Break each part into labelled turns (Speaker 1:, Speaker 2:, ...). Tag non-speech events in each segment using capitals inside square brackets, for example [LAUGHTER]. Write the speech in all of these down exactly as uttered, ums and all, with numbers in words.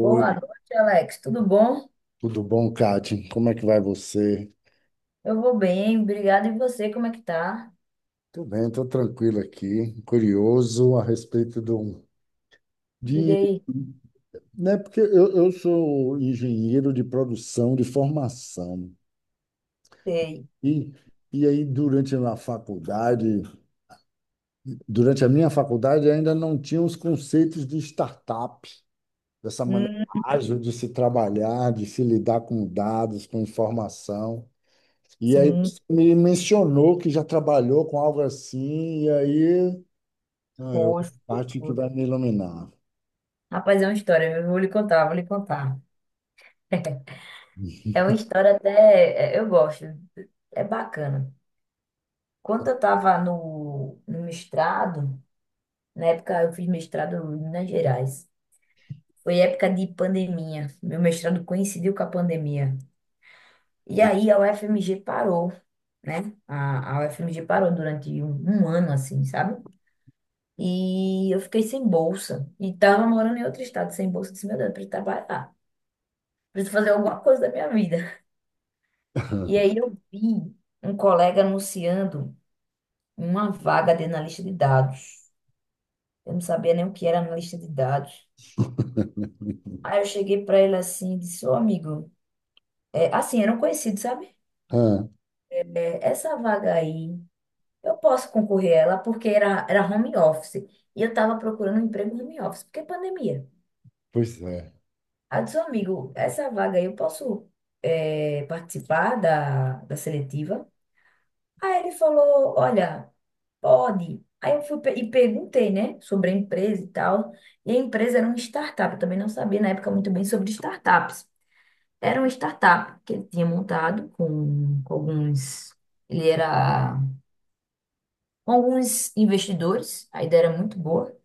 Speaker 1: Boa noite, Alex. Tudo bom?
Speaker 2: tudo bom, Kati? Como é que vai você?
Speaker 1: Eu vou bem, obrigada. E você, como é que tá?
Speaker 2: Tô bem, tô tranquilo aqui, curioso a respeito do,
Speaker 1: Diga
Speaker 2: de,
Speaker 1: aí.
Speaker 2: né, porque eu, eu sou engenheiro de produção de formação
Speaker 1: Sei.
Speaker 2: e, e aí durante a faculdade, durante a minha faculdade ainda não tinha os conceitos de startup, dessa maneira
Speaker 1: Hum,
Speaker 2: ágil de se trabalhar, de se lidar com dados, com informação. E aí
Speaker 1: sim,
Speaker 2: você me mencionou que já trabalhou com algo assim, e aí ah, eu
Speaker 1: poxa.
Speaker 2: acho que vai me iluminar.
Speaker 1: Rapaz, é uma história, eu vou lhe contar, vou lhe contar. [LAUGHS] É uma história até, é, eu gosto, é bacana. Quando eu tava no, no mestrado, na época eu fiz mestrado em Minas Gerais. Foi época de pandemia. Meu mestrado coincidiu com a pandemia. E aí a U F M G parou, né? A, a U F M G parou durante um, um ano, assim, sabe? E eu fiquei sem bolsa. E tava morando em outro estado sem bolsa. Eu disse, meu Deus, eu preciso trabalhar. Preciso fazer alguma coisa da minha vida. E aí eu vi um colega anunciando uma vaga de analista de dados. Eu não sabia nem o que era analista de dados.
Speaker 2: [LAUGHS]
Speaker 1: Aí eu cheguei para ele assim e disse, ô amigo, é, assim, era um conhecido, sabe?
Speaker 2: Ah,
Speaker 1: É, essa vaga aí. Eu posso concorrer a ela porque era, era home office. E eu estava procurando um emprego home office, porque é pandemia.
Speaker 2: pois é.
Speaker 1: Aí eu disse, amigo, essa vaga aí eu posso eh, participar da, da seletiva? Aí ele falou, olha, pode. Aí eu fui pe- e perguntei, né, sobre a empresa e tal. E a empresa era uma startup, eu também não sabia na época muito bem sobre startups. Era uma startup que ele tinha montado com, com alguns... Ele era com alguns investidores, a ideia era muito boa.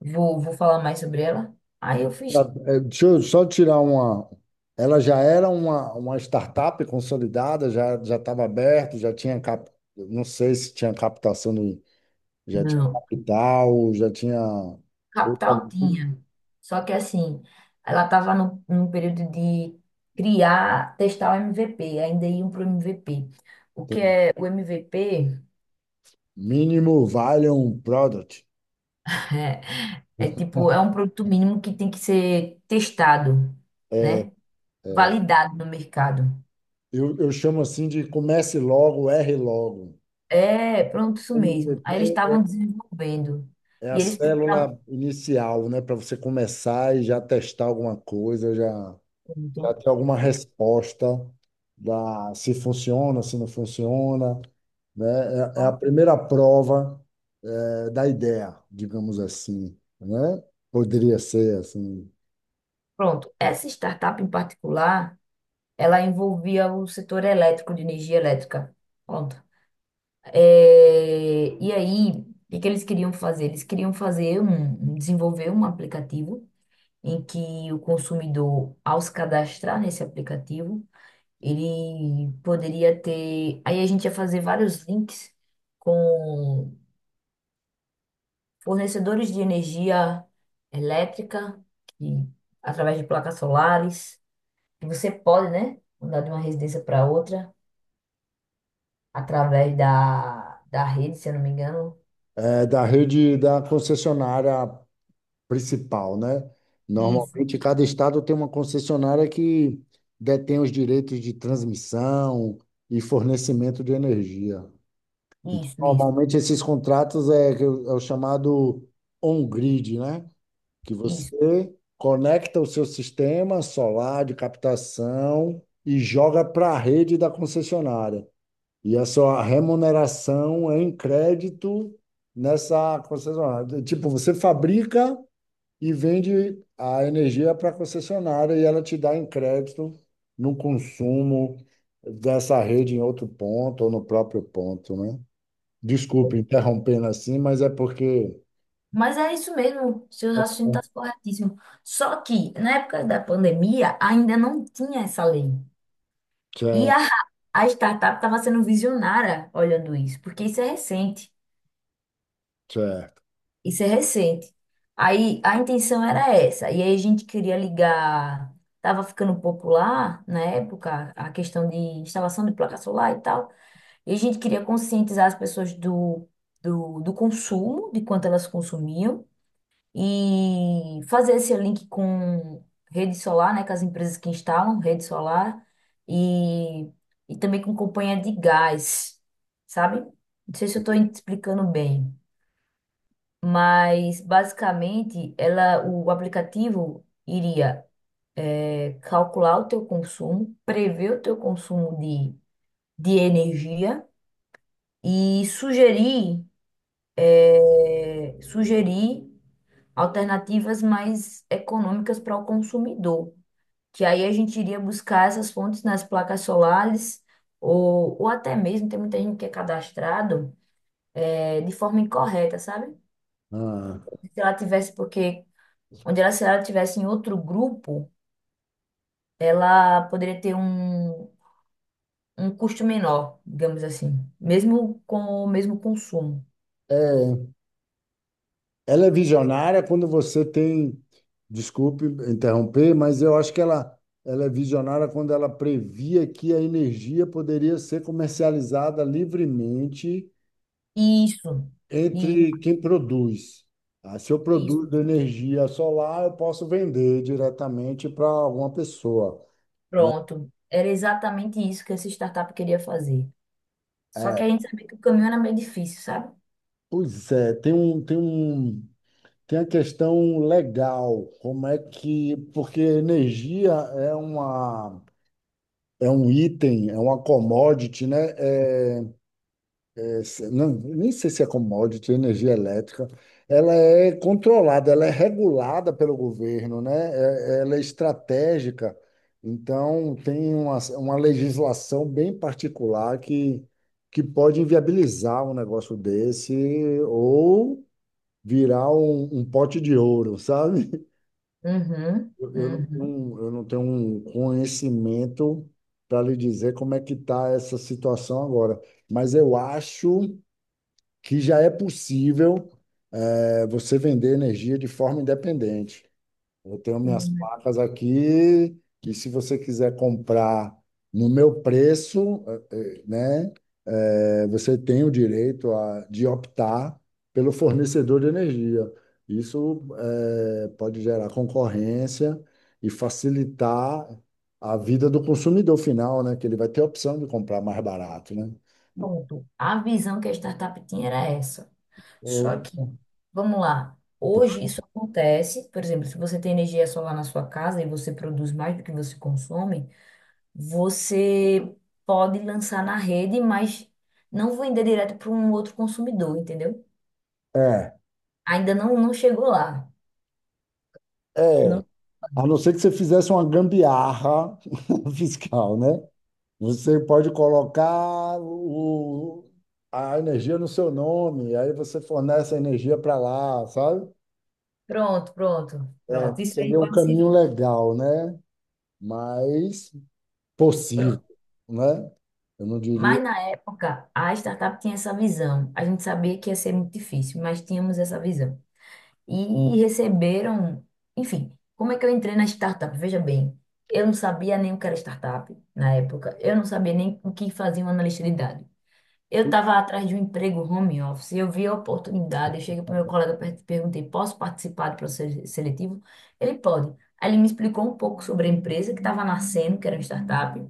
Speaker 1: Vou, vou falar mais sobre ela. Aí eu fiz.
Speaker 2: É, deixa eu só tirar uma. Ela já era uma, uma startup consolidada, já já estava aberto, já tinha cap... Não sei se tinha captação do... Já tinha
Speaker 1: Não,
Speaker 2: capital, já tinha outra-
Speaker 1: capital tinha. Só que assim, ela estava no, num período de criar, testar o M V P, ainda iam para o M V P. O que é o M V P?
Speaker 2: mínimo viable product.
Speaker 1: É é tipo, é um produto mínimo que tem que ser testado, né? Validado no mercado.
Speaker 2: Eu, eu chamo assim de comece logo, erre logo.
Speaker 1: É, pronto, isso mesmo.
Speaker 2: M V P
Speaker 1: Aí eles estavam desenvolvendo.
Speaker 2: é a
Speaker 1: E eles precisavam.
Speaker 2: célula inicial, né? Para você começar e já testar alguma coisa, já, já
Speaker 1: Pronto.
Speaker 2: ter alguma resposta da se funciona, se não funciona, né? É, é a primeira prova, eh, da ideia, digamos assim, né? Poderia ser assim,
Speaker 1: Pronto. Essa startup em particular. Ela envolvia o setor elétrico, de energia elétrica. Pronto. É, e aí, o que que eles queriam fazer? Eles queriam fazer um, um- desenvolver um aplicativo em que o consumidor, ao se cadastrar nesse aplicativo, ele poderia ter. Aí a gente ia fazer vários links com fornecedores de energia elétrica, que, através de placas solares, que você pode, né, mudar de uma residência para outra. Através da, da rede, se eu não me engano.
Speaker 2: é da rede da concessionária principal, né?
Speaker 1: Isso.
Speaker 2: Normalmente, cada estado tem uma concessionária que detém os direitos de transmissão e fornecimento de energia. Então,
Speaker 1: Isso, isso,
Speaker 2: normalmente, esses contratos é, que é o é o chamado on-grid, né? Que
Speaker 1: isso.
Speaker 2: você conecta o seu sistema solar de captação e joga para a rede da concessionária. E a sua remuneração é em crédito nessa concessionária. Tipo, você fabrica e vende a energia para a concessionária e ela te dá em crédito no consumo dessa rede em outro ponto ou no próprio ponto, né? Desculpe interrompendo assim, mas é porque.
Speaker 1: Mas é isso mesmo, seu raciocínio está corretíssimo. Só que na época da pandemia ainda não tinha essa lei. E a,
Speaker 2: Certo,
Speaker 1: a startup estava sendo visionária olhando isso, porque isso é recente.
Speaker 2: certo.
Speaker 1: Isso é recente. Aí a intenção era essa. E aí a gente queria ligar. Estava ficando popular na época a questão de instalação de placa solar e tal. E a gente queria conscientizar as pessoas do, do, do consumo, de quanto elas consumiam, e fazer esse link com rede solar, né, com as empresas que instalam rede solar, e, e também com companhia de gás, sabe? Não sei se eu estou explicando bem, mas basicamente ela, o aplicativo iria é, calcular o teu consumo, prever o teu consumo de, de energia e sugerir. É, sugerir alternativas mais econômicas para o consumidor, que aí a gente iria buscar essas fontes nas placas solares ou, ou até mesmo tem muita gente que é cadastrado é, de forma incorreta, sabe?
Speaker 2: Ah.
Speaker 1: Se ela tivesse, porque onde ela, se ela tivesse em outro grupo, ela poderia ter um, um custo menor, digamos assim, mesmo com o mesmo consumo.
Speaker 2: É, ela é visionária quando você tem. Desculpe interromper, mas eu acho que ela, ela é visionária quando ela previa que a energia poderia ser comercializada livremente
Speaker 1: Isso, i-
Speaker 2: entre quem produz. Ah, se eu
Speaker 1: isso.
Speaker 2: produzo energia solar, eu posso vender diretamente para alguma pessoa.
Speaker 1: Pronto. Era exatamente isso que essa startup queria fazer. Só que
Speaker 2: É,
Speaker 1: a gente sabia que o caminho era meio difícil, sabe?
Speaker 2: pois é, tem um, tem um, tem a questão legal, como é que, porque energia é uma, é um item, é uma commodity, né? É, não, nem sei se é commodity, energia elétrica. Ela é controlada, ela é regulada pelo governo, né? É- ela é estratégica. Então, tem uma, uma legislação bem particular que, que pode inviabilizar um negócio desse ou virar um, um pote de ouro, sabe?
Speaker 1: Uhum,
Speaker 2: Eu, eu não,
Speaker 1: uhum.
Speaker 2: não- eu não tenho um conhecimento para lhe dizer como é que está essa situação agora, mas eu acho que já é possível é, você vender energia de forma independente. Eu tenho minhas
Speaker 1: Sim, mas
Speaker 2: placas aqui, que se você quiser comprar no meu preço, eh, eh, né, é, você tem o direito a, de optar pelo fornecedor de energia. Isso é, pode gerar concorrência e facilitar a vida do consumidor final, né, que ele vai ter a opção de comprar mais barato, né?
Speaker 1: pronto. A visão que a startup tinha era essa. Só
Speaker 2: Ou-
Speaker 1: que, vamos lá. Hoje isso acontece, por exemplo, se você tem energia solar na sua casa e você produz mais do que você consome, você pode lançar na rede, mas não vender direto para um outro consumidor, entendeu?
Speaker 2: é,
Speaker 1: Ainda não, não chegou lá.
Speaker 2: é.
Speaker 1: Não.
Speaker 2: A não ser que você fizesse uma gambiarra [LAUGHS] fiscal, né? Você pode colocar o, a energia no seu nome, aí você fornece a energia para lá, sabe?
Speaker 1: Pronto, pronto, pronto. Isso aí
Speaker 2: Seria um
Speaker 1: pode ser.
Speaker 2: caminho legal, né? Mas possível,
Speaker 1: Pronto.
Speaker 2: né? Eu não diria
Speaker 1: Mas na época, a startup tinha essa visão. A gente sabia que ia ser muito difícil, mas tínhamos essa visão. E receberam. Enfim, como é que eu entrei na startup? Veja bem, eu não sabia nem o que era startup na época. Eu não sabia nem o que fazia um analista de dados. Eu estava atrás de um emprego home office, eu vi a oportunidade, eu cheguei para o meu colega per- perguntei, posso participar do processo seletivo? Ele pode. Aí ele me explicou um pouco sobre a empresa que estava nascendo, que era uma startup,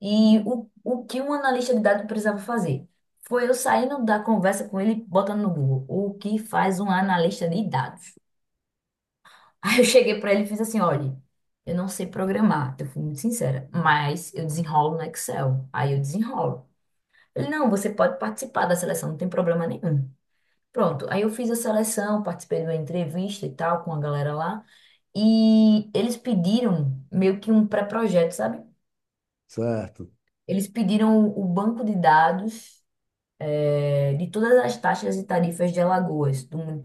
Speaker 1: e o, o que um analista de dados precisava fazer. Foi eu saindo da conversa com ele, botando no Google, o que faz um analista de dados? [LAUGHS] Aí eu cheguei para ele e fiz assim, olha, eu não sei programar, eu fui muito sincera, mas eu desenrolo no Excel. Aí eu desenrolo. Ele, não, você pode participar da seleção, não tem problema nenhum. Pronto, aí eu fiz a seleção, participei de uma entrevista e tal com a galera lá, e eles pediram meio que um pré-projeto, sabe?
Speaker 2: certo.
Speaker 1: Eles pediram o o banco de dados eh, de todas as taxas e tarifas de Alagoas, do mun-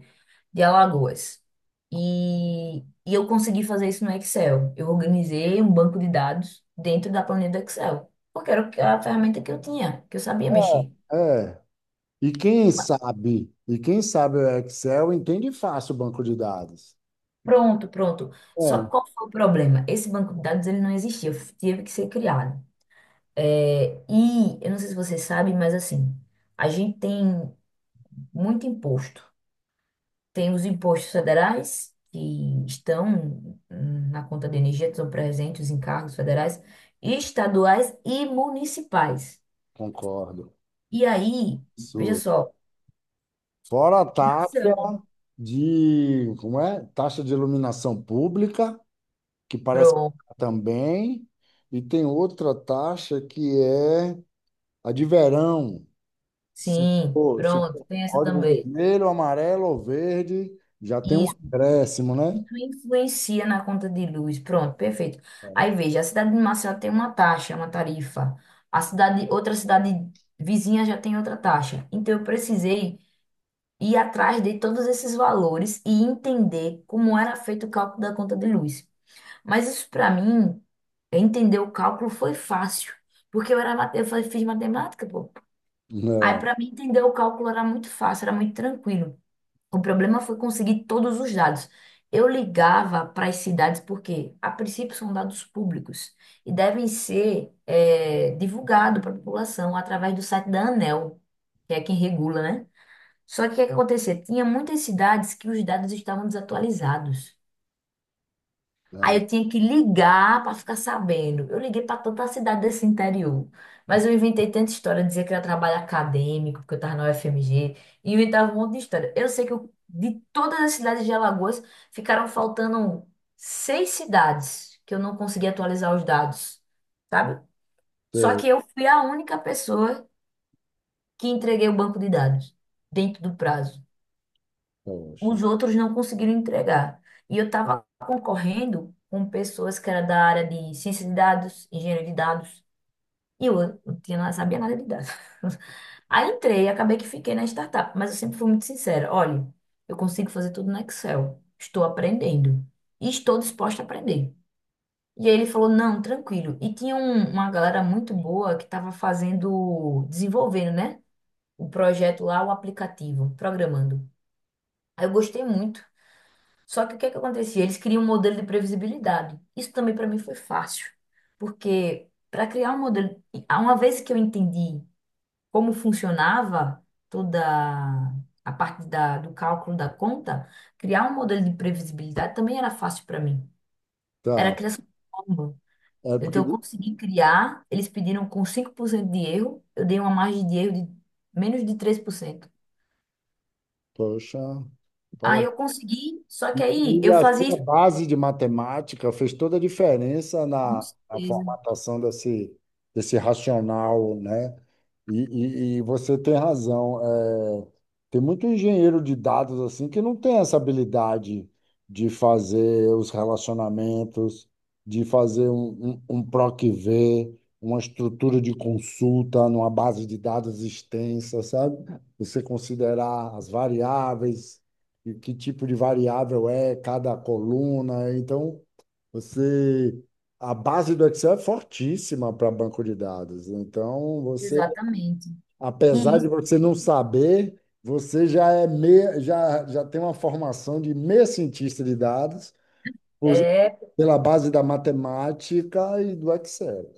Speaker 1: de Alagoas. E e eu consegui fazer isso no Excel. Eu organizei um banco de dados dentro da planilha do Excel, porque era o que- a ferramenta que eu tinha, que eu sabia mexer.
Speaker 2: É. E quem sabe, e quem sabe o Excel entende fácil o banco de dados.
Speaker 1: Pronto, pronto. Só
Speaker 2: É,
Speaker 1: que qual foi o problema? Esse banco de dados ele não existia, f- teve que ser criado. É, e eu não sei se você sabe, mas assim, a gente tem muito imposto. Tem os impostos federais que estão hum, na conta de energia, estão presentes em cargos federais, estaduais e municipais.
Speaker 2: concordo.
Speaker 1: E aí, veja
Speaker 2: Sua.
Speaker 1: só,
Speaker 2: Fora a taxa de, como é? Taxa de iluminação pública, que parece que
Speaker 1: pronto,
Speaker 2: tá também, e tem outra taxa que é a de verão. Se
Speaker 1: sim,
Speaker 2: for, se
Speaker 1: pronto,
Speaker 2: for
Speaker 1: tem essa
Speaker 2: código
Speaker 1: também.
Speaker 2: vermelho, amarelo ou verde, já tem um
Speaker 1: E
Speaker 2: acréscimo, né?
Speaker 1: isso influencia na conta de luz. Pronto, perfeito. Aí veja, a cidade de Maceió tem uma taxa, uma tarifa. A cidade, outra cidade vizinha já tem outra taxa. Então eu precisei ir atrás de todos esses valores e entender como era feito o cálculo da conta de luz. Mas isso para mim, entender o cálculo foi fácil, porque eu era, mate- eu fa- fiz matemática, pô. Aí
Speaker 2: É,
Speaker 1: para mim entender o cálculo era muito fácil, era muito tranquilo. O problema foi conseguir todos os dados. Eu ligava para as cidades porque, a princípio, são dados públicos e devem ser eh, divulgados para a população através do site da A N E L, que é quem regula, né? Só que o que acontecia? Tinha muitas cidades que os dados estavam desatualizados. Aí
Speaker 2: é,
Speaker 1: eu tinha que ligar para ficar sabendo. Eu liguei para tanta cidade desse interior. Mas eu inventei tanta história, dizia que era trabalho acadêmico, porque eu estava na U F M G, e inventava um monte de história. Eu sei que eu- de todas as cidades de Alagoas, ficaram faltando seis cidades que eu não consegui atualizar os dados, sabe? Só
Speaker 2: tem,
Speaker 1: que eu fui a única pessoa que entreguei o banco de dados dentro do prazo.
Speaker 2: poxa.
Speaker 1: Os outros não conseguiram entregar. E eu estava concorrendo com pessoas que eram da área de ciência de dados, engenharia de dados, e eu não tinha, nada- sabia nada de dados. [LAUGHS] Aí entrei e acabei que fiquei na startup, mas eu sempre fui muito sincera. Olha, eu consigo fazer tudo no Excel, estou aprendendo e estou disposta a aprender. E aí ele falou, não, tranquilo. E tinha um- uma galera muito boa que estava fazendo, desenvolvendo, né? O projeto lá, o aplicativo, programando. Aí eu gostei muito. Só que o que é que acontecia? Eles criam um modelo de previsibilidade. Isso também para mim foi fácil, porque para criar um modelo, uma vez que eu entendi como funcionava toda a parte da, do cálculo da conta, criar um modelo de previsibilidade também era fácil para mim. Era a
Speaker 2: Tá.
Speaker 1: criação de fórmula.
Speaker 2: É porque,
Speaker 1: Então eu consegui criar, eles pediram com cinco por cento de erro, eu dei uma margem de erro de menos de três por cento.
Speaker 2: poxa,
Speaker 1: Aí eu consegui, só que
Speaker 2: e
Speaker 1: aí
Speaker 2: aí
Speaker 1: eu
Speaker 2: assim, a
Speaker 1: fazia
Speaker 2: sua
Speaker 1: isso
Speaker 2: base de matemática fez toda a diferença
Speaker 1: com
Speaker 2: na, na
Speaker 1: certeza,
Speaker 2: formatação desse, desse racional, né? E, e, e você tem razão. É, tem muito engenheiro de dados assim que não tem essa habilidade de fazer os relacionamentos, de fazer um, um, um P R O C V, uma estrutura de consulta numa base de dados extensa, sabe? Você considerar as variáveis e que tipo de variável é cada coluna. Então, você a base do Excel é fortíssima para banco de dados. Então, você,
Speaker 1: exatamente. E
Speaker 2: apesar de você não saber, você já é meia, já, já tem uma formação de meia cientista de dados por-
Speaker 1: É,
Speaker 2: pela base da matemática e do Excel.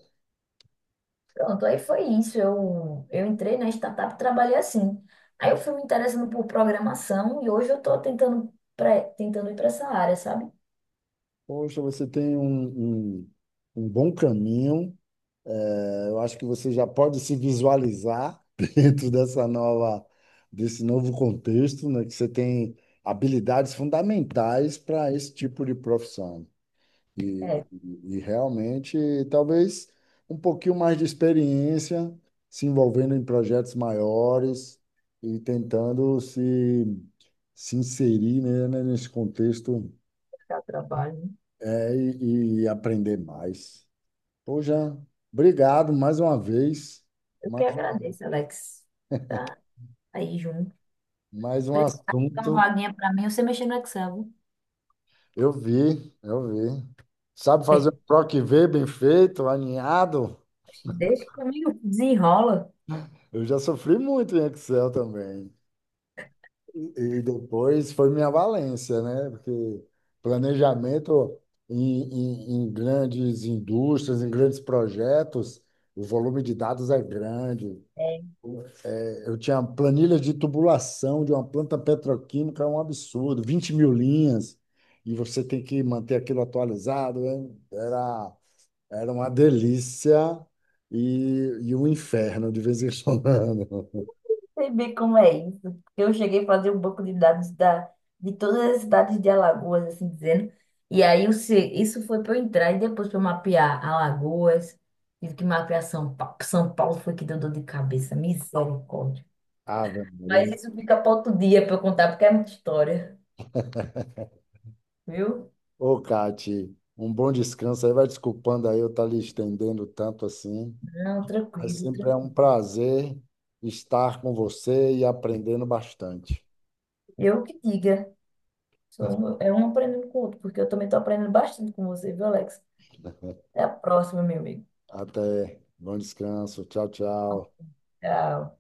Speaker 1: Pronto, aí foi isso. Eu, eu entrei na startup e trabalhei assim. Aí eu fui me interessando por programação e hoje eu estou tentando, pra- tentando ir para essa área, sabe?
Speaker 2: Poxa, você tem um, um, um bom caminho. Eu acho que você já pode se visualizar [LAUGHS] dentro dessa nova, desse novo contexto, né, que você tem habilidades fundamentais para esse tipo de profissão. E,
Speaker 1: É,
Speaker 2: e, realmente, talvez um pouquinho mais de experiência, se envolvendo em projetos maiores e tentando se, se inserir, né, né, nesse contexto,
Speaker 1: dá trabalho, né?
Speaker 2: é, e, e aprender mais. Poxa, obrigado mais uma vez.
Speaker 1: Eu que agradeço, Alex. Tá aí junto.
Speaker 2: Mais um
Speaker 1: Precisa dar uma
Speaker 2: assunto.
Speaker 1: vaguinha para mim, você mexer no Excel,
Speaker 2: Eu vi, eu vi. Sabe fazer um
Speaker 1: viu?
Speaker 2: P R O C V bem feito, alinhado?
Speaker 1: [LAUGHS] Deixa comigo, desenrola.
Speaker 2: Eu já sofri muito em Excel também. E e depois foi minha valência, né? Porque planejamento em, em, em grandes indústrias, em grandes projetos, o volume de dados é grande. Eu tinha planilha de tubulação de uma planta petroquímica, é um absurdo, vinte mil linhas, e você tem que manter aquilo atualizado. Hein? Era, era uma delícia e, e um inferno de vez em quando.
Speaker 1: Sei bem como é isso. Eu cheguei a fazer um banco de dados da, de todas as cidades de Alagoas, assim dizendo. E aí o se- isso foi para eu entrar e depois para eu mapear Alagoas. Tive que mapear São Paulo. São Paulo foi que deu dor de cabeça. Misericórdia.
Speaker 2: [LAUGHS] Ave
Speaker 1: Mas
Speaker 2: Maria.
Speaker 1: isso fica para outro dia para eu contar, porque é muita história, viu?
Speaker 2: Ô, Cati, um bom descanso aí. Vai desculpando aí eu estar lhe estendendo tanto assim,
Speaker 1: Não,
Speaker 2: mas
Speaker 1: tranquilo,
Speaker 2: sempre é um
Speaker 1: tranquilo.
Speaker 2: prazer estar com você e aprendendo bastante.
Speaker 1: Eu que diga. Sou um- é um aprendendo com o outro, porque eu também estou aprendendo bastante com você, viu, Alex? Até a próxima, meu amigo.
Speaker 2: Até. Bom descanso. Tchau, tchau.
Speaker 1: Tchau.